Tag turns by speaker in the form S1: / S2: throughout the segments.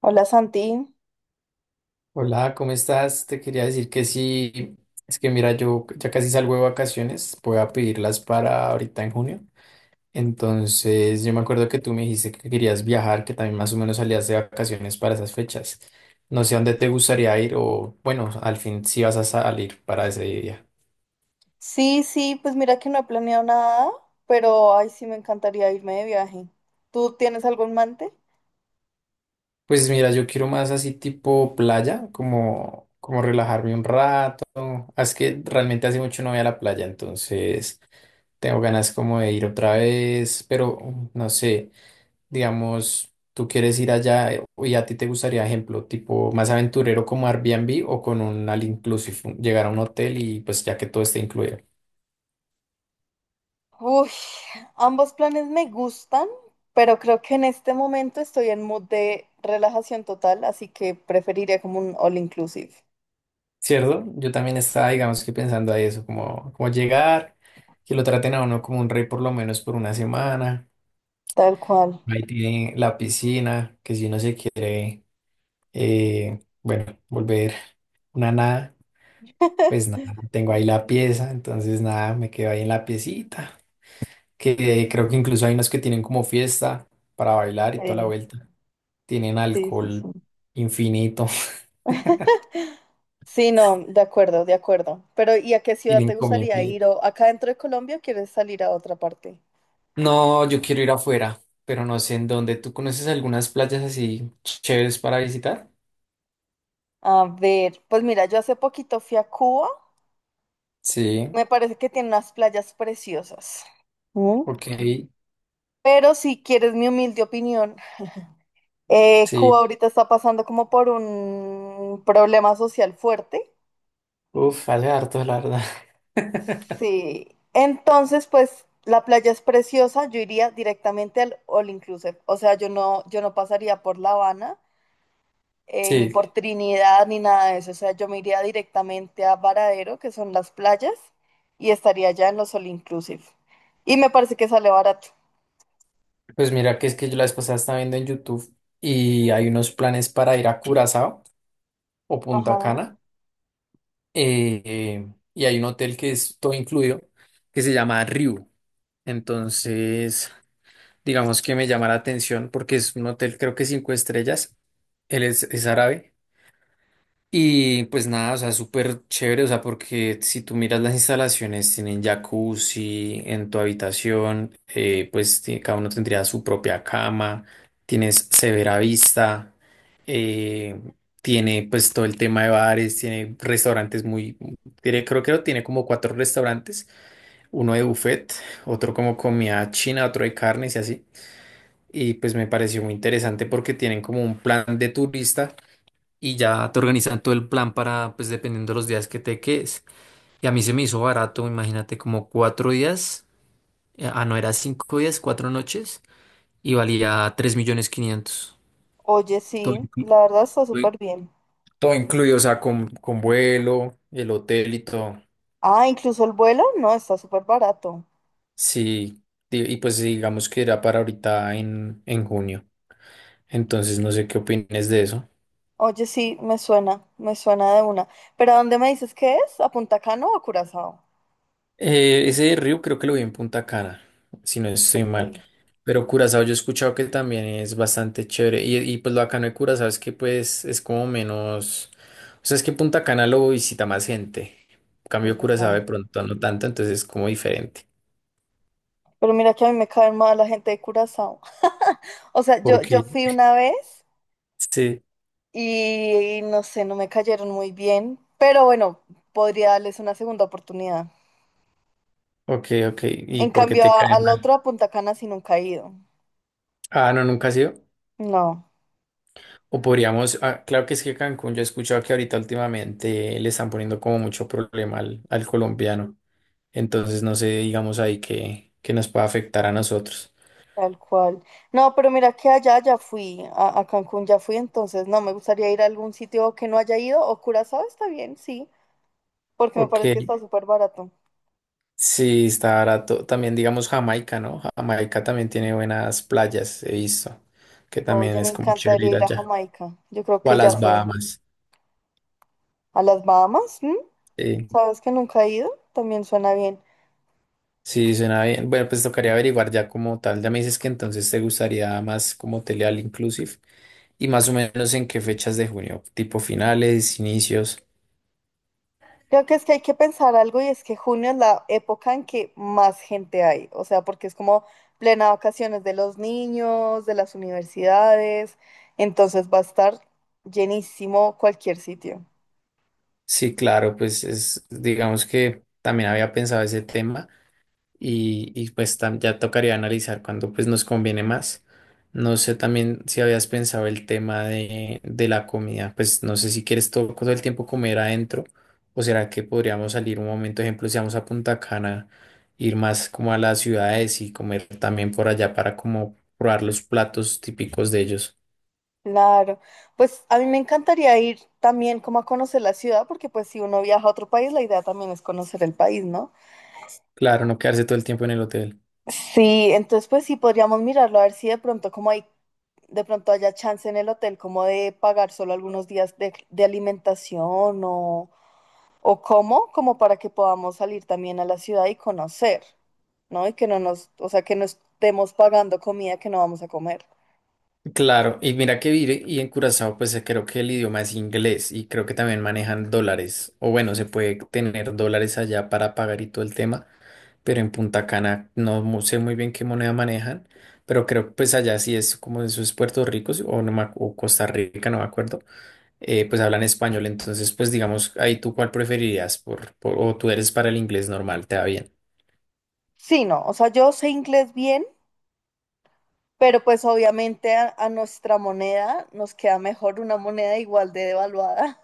S1: Hola Santi.
S2: Hola, ¿cómo estás? Te quería decir que sí, es que mira, yo ya casi salgo de vacaciones, voy a pedirlas para ahorita en junio. Entonces, yo me acuerdo que tú me dijiste que querías viajar, que también más o menos salías de vacaciones para esas fechas. No sé a dónde te gustaría ir o, bueno, al fin si vas a salir para ese día.
S1: Sí, pues mira que no he planeado nada, pero ay, sí me encantaría irme de viaje. ¿Tú tienes algo en mente?
S2: Pues mira, yo quiero más así tipo playa, como relajarme un rato. Ah, es que realmente hace mucho no voy a la playa, entonces. Tengo ganas como de ir otra vez, pero no sé, digamos, tú quieres ir allá, y a ti te gustaría, ejemplo, tipo más aventurero como Airbnb o con un all inclusive, llegar a un hotel y pues ya que todo esté incluido.
S1: Uy, ambos planes me gustan, pero creo que en este momento estoy en mood de relajación total, así que preferiría como un all inclusive.
S2: ¿Cierto? Yo también estaba, digamos que pensando a eso, como llegar, que lo traten a uno como un rey por lo menos por una semana.
S1: Tal cual.
S2: Ahí tiene la piscina, que si uno se quiere, bueno, volver una nada. Pues nada, tengo ahí la pieza, entonces nada, me quedo ahí en la piecita, que creo que incluso hay unos que tienen como fiesta para bailar y toda la
S1: Sí,
S2: vuelta. Tienen
S1: sí, sí, sí.
S2: alcohol infinito,
S1: Sí, no, de acuerdo, de acuerdo. Pero ¿y a qué ciudad
S2: tienen
S1: te
S2: comida
S1: gustaría ir?
S2: infinita.
S1: ¿O acá dentro de Colombia o quieres salir a otra parte?
S2: No, yo quiero ir afuera, pero no sé en dónde. ¿Tú conoces algunas playas así chéveres para visitar?
S1: A ver, pues mira, yo hace poquito fui a Cuba.
S2: Sí,
S1: Me parece que tiene unas playas preciosas. ¿Mm?
S2: ok,
S1: Pero si quieres mi humilde opinión, Cuba
S2: sí.
S1: ahorita está pasando como por un problema social fuerte.
S2: Uf, hace harto, la verdad.
S1: Sí. Entonces, pues la playa es preciosa, yo iría directamente al All Inclusive. O sea, yo no pasaría por La Habana, ni
S2: Sí,
S1: por Trinidad, ni nada de eso. O sea, yo me iría directamente a Varadero, que son las playas, y estaría ya en los All Inclusive. Y me parece que sale barato.
S2: pues mira que es que yo la vez pasada estaba viendo en YouTube y hay unos planes para ir a Curazao o Punta
S1: Ajá.
S2: Cana. eh, y hay un hotel que es todo incluido, que se llama Ryu. Entonces, digamos que me llama la atención porque es un hotel creo que 5 estrellas. Él es árabe y pues nada, o sea, súper chévere, o sea, porque si tú miras las instalaciones, tienen jacuzzi en tu habitación, pues cada uno tendría su propia cama, tienes severa vista, eh, tiene pues todo el tema de bares, tiene restaurantes creo que tiene como cuatro restaurantes, uno de buffet, otro como comida china, otro de carnes y así. Y pues me pareció muy interesante porque tienen como un plan de turista y ya te organizan todo el plan para, pues dependiendo de los días que te quedes. Y a mí se me hizo barato, imagínate, como 4 días, no, era 5 días, 4 noches, y valía 3.500.000.
S1: Oye,
S2: Todo
S1: sí,
S2: inclu-
S1: la verdad está súper bien.
S2: Todo incluido, o sea, con vuelo, el hotel y todo.
S1: Ah, incluso el vuelo, no, está súper barato.
S2: Sí, y pues digamos que era para ahorita en junio. Entonces no sé qué opines de eso.
S1: Oye, sí, me suena de una. ¿Pero a dónde me dices que es? ¿A Punta Cana o a Curazao?
S2: Ese de Ryu creo que lo vi en Punta Cana, si no estoy mal.
S1: Sí,
S2: Pero Curazao yo he escuchado que también es bastante chévere. Y pues lo bacano de Curazao es que pues es como menos. O sea, es que Punta Cana lo visita más gente. En cambio
S1: es
S2: Curazao de
S1: verdad.
S2: pronto no tanto, entonces es como diferente.
S1: Pero mira que a mí me cae mal la gente de Curazao. O sea, yo
S2: Porque
S1: fui una vez
S2: sí,
S1: y no sé, no me cayeron muy bien, pero bueno, podría darles una segunda oportunidad.
S2: ok, ok. ¿Y
S1: En
S2: por qué
S1: cambio,
S2: te cae
S1: a la
S2: mal?
S1: otra Punta Cana sí nunca he ido.
S2: Ah, no, nunca ha sido.
S1: No.
S2: O podríamos, ah, claro que es que Cancún, yo he escuchado que ahorita últimamente le están poniendo como mucho problema al colombiano. Entonces no sé, digamos ahí que nos pueda afectar a nosotros.
S1: Tal cual. No, pero mira que allá ya fui, a Cancún ya fui, entonces no, me gustaría ir a algún sitio que no haya ido, o Curazao está bien, sí, porque me
S2: Ok,
S1: parece que está súper barato.
S2: sí, está barato. También digamos Jamaica, ¿no? Jamaica también tiene buenas playas, he visto, que también
S1: Oye, me
S2: es como chévere
S1: encantaría
S2: ir
S1: ir a
S2: allá.
S1: Jamaica, yo creo
S2: O a
S1: que ya
S2: las
S1: fue.
S2: Bahamas.
S1: ¿A las Bahamas? ¿M?
S2: Sí,
S1: ¿Sabes que nunca he ido? También suena bien.
S2: sí, suena bien. Bueno, pues tocaría averiguar ya como tal. Ya me dices que entonces te gustaría más como hotel all inclusive y más o menos en qué fechas de junio, tipo finales, inicios.
S1: Creo que es que hay que pensar algo y es que junio es la época en que más gente hay, o sea, porque es como plena vacaciones de los niños, de las universidades, entonces va a estar llenísimo cualquier sitio.
S2: Sí, claro, pues es, digamos que también había pensado ese tema. Y, pues ya tocaría analizar cuándo pues nos conviene más. No sé también si habías pensado el tema de la comida, pues no sé si quieres todo, todo el tiempo comer adentro o será que podríamos salir un momento, ejemplo, si vamos a Punta Cana, ir más como a las ciudades y comer también por allá para como probar los platos típicos de ellos.
S1: Claro, pues a mí me encantaría ir también como a conocer la ciudad, porque pues si uno viaja a otro país, la idea también es conocer el país, ¿no?
S2: Claro, no quedarse todo el tiempo en el hotel.
S1: Sí, entonces pues sí podríamos mirarlo a ver si de pronto como hay, de pronto haya chance en el hotel como de pagar solo algunos días de alimentación o cómo, como para que podamos salir también a la ciudad y conocer, ¿no? Y que no nos, o sea, que no estemos pagando comida que no vamos a comer.
S2: Claro, y mira que vive y en Curazao pues creo que el idioma es inglés y creo que también manejan dólares o bueno, se puede tener dólares allá para pagar y todo el tema, pero en Punta Cana no sé muy bien qué moneda manejan, pero creo que pues allá sí es como eso es Puerto Rico sí, o, no me o Costa Rica, no me acuerdo, pues hablan español, entonces pues digamos ahí tú cuál preferirías o tú eres para el inglés normal, te va bien.
S1: Sí, no, o sea, yo sé inglés bien, pero pues obviamente a nuestra moneda nos queda mejor una moneda igual de devaluada.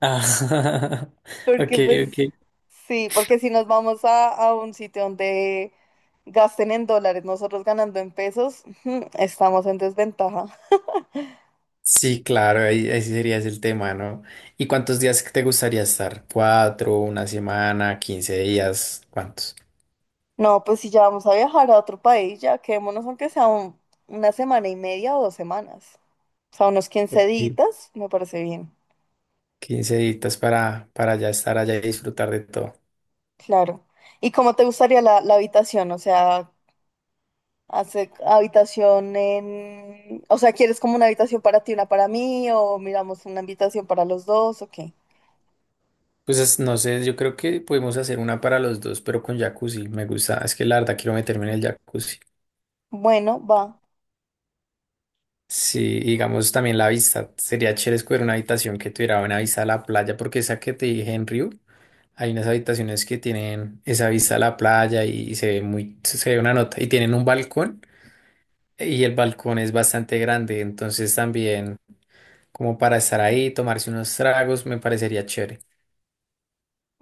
S2: Ah, ok,
S1: Porque pues
S2: ok.
S1: sí, porque si nos vamos a un sitio donde gasten en dólares, nosotros ganando en pesos, ujú, estamos en desventaja.
S2: Sí, claro, ahí sí sería ese el tema, ¿no? ¿Y cuántos días te gustaría estar? ¿Cuatro, una semana, 15 días? ¿Cuántos?
S1: No, pues si ya vamos a viajar a otro país, ya quedémonos aunque sea un- una semana y media o dos semanas. O sea, unos quince
S2: Ok.
S1: días, me parece bien.
S2: 15 días para ya estar allá y disfrutar de todo.
S1: Claro. ¿Y cómo te gustaría la habitación? O sea, hace habitación en... O sea, ¿quieres como una habitación para ti, una para mí? ¿O miramos una habitación para los dos? ¿O qué?
S2: Pues no sé, yo creo que podemos hacer una para los dos, pero con jacuzzi. Me gusta, es que la verdad quiero meterme en el jacuzzi.
S1: Bueno, va.
S2: Sí, digamos también la vista. Sería chévere escoger una habitación que tuviera buena vista a la playa, porque esa que te dije en Río. Hay unas habitaciones que tienen esa vista a la playa y se ve una nota. Y tienen un balcón y el balcón es bastante grande. Entonces también como para estar ahí, tomarse unos tragos, me parecería chévere.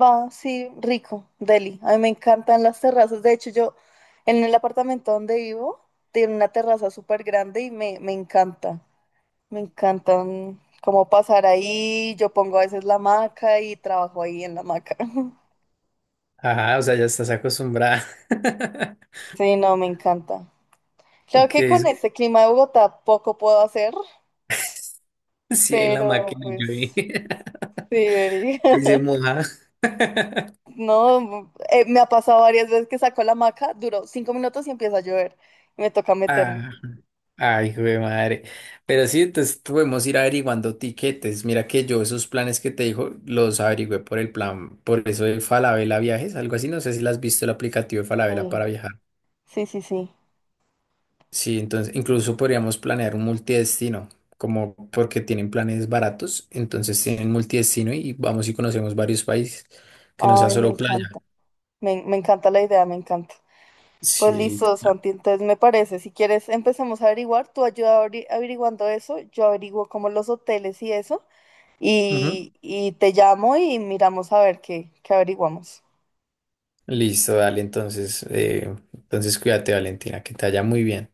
S1: Va, sí, rico, Delhi. A mí me encantan las terrazas. De hecho, yo en el apartamento donde vivo tiene una terraza súper grande y me encanta. Me encantan cómo pasar ahí. Yo pongo a veces la hamaca y trabajo ahí en la hamaca.
S2: Ajá, o sea, ya estás acostumbrada.
S1: Sí, no, me encanta. Claro
S2: Ok,
S1: que con este clima de Bogotá poco puedo hacer,
S2: sí, en la
S1: pero
S2: máquina yo vi.
S1: pues sí, Eri.
S2: Ahí se moja.
S1: No, me ha pasado varias veces que saco la hamaca, duró 5 minutos y empieza a llover y me toca meterme.
S2: Ah, ay, güey, madre. Pero sí, entonces podemos ir averiguando tiquetes. Mira que yo esos planes que te dijo los averigüé por el plan, por eso de Falabella Viajes, algo así. No sé si las has visto el aplicativo de Falabella
S1: Sí,
S2: para viajar.
S1: sí, sí, sí.
S2: Sí, entonces incluso podríamos planear un multidestino, como porque tienen planes baratos, entonces tienen multidestino y vamos y conocemos varios países, que no sea
S1: Ay, me
S2: solo
S1: encanta,
S2: playa.
S1: me encanta la idea, me encanta. Pues
S2: Sí,
S1: listo,
S2: claro.
S1: Santi, entonces me parece, si quieres empecemos a averiguar, tú ayuda averiguando eso, yo averiguo como los hoteles y eso,
S2: Ujú.
S1: y te llamo y miramos a ver qué averiguamos.
S2: Listo, dale, entonces, entonces cuídate, Valentina, que te vaya muy bien.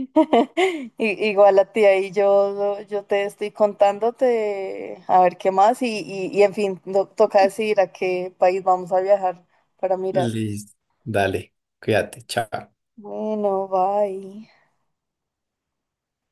S1: Igual a ti, ahí yo te estoy contándote a ver qué más y en fin, toca decidir a qué país vamos a viajar para mirar.
S2: Listo. Dale, cuídate, chao.
S1: Bueno, bye.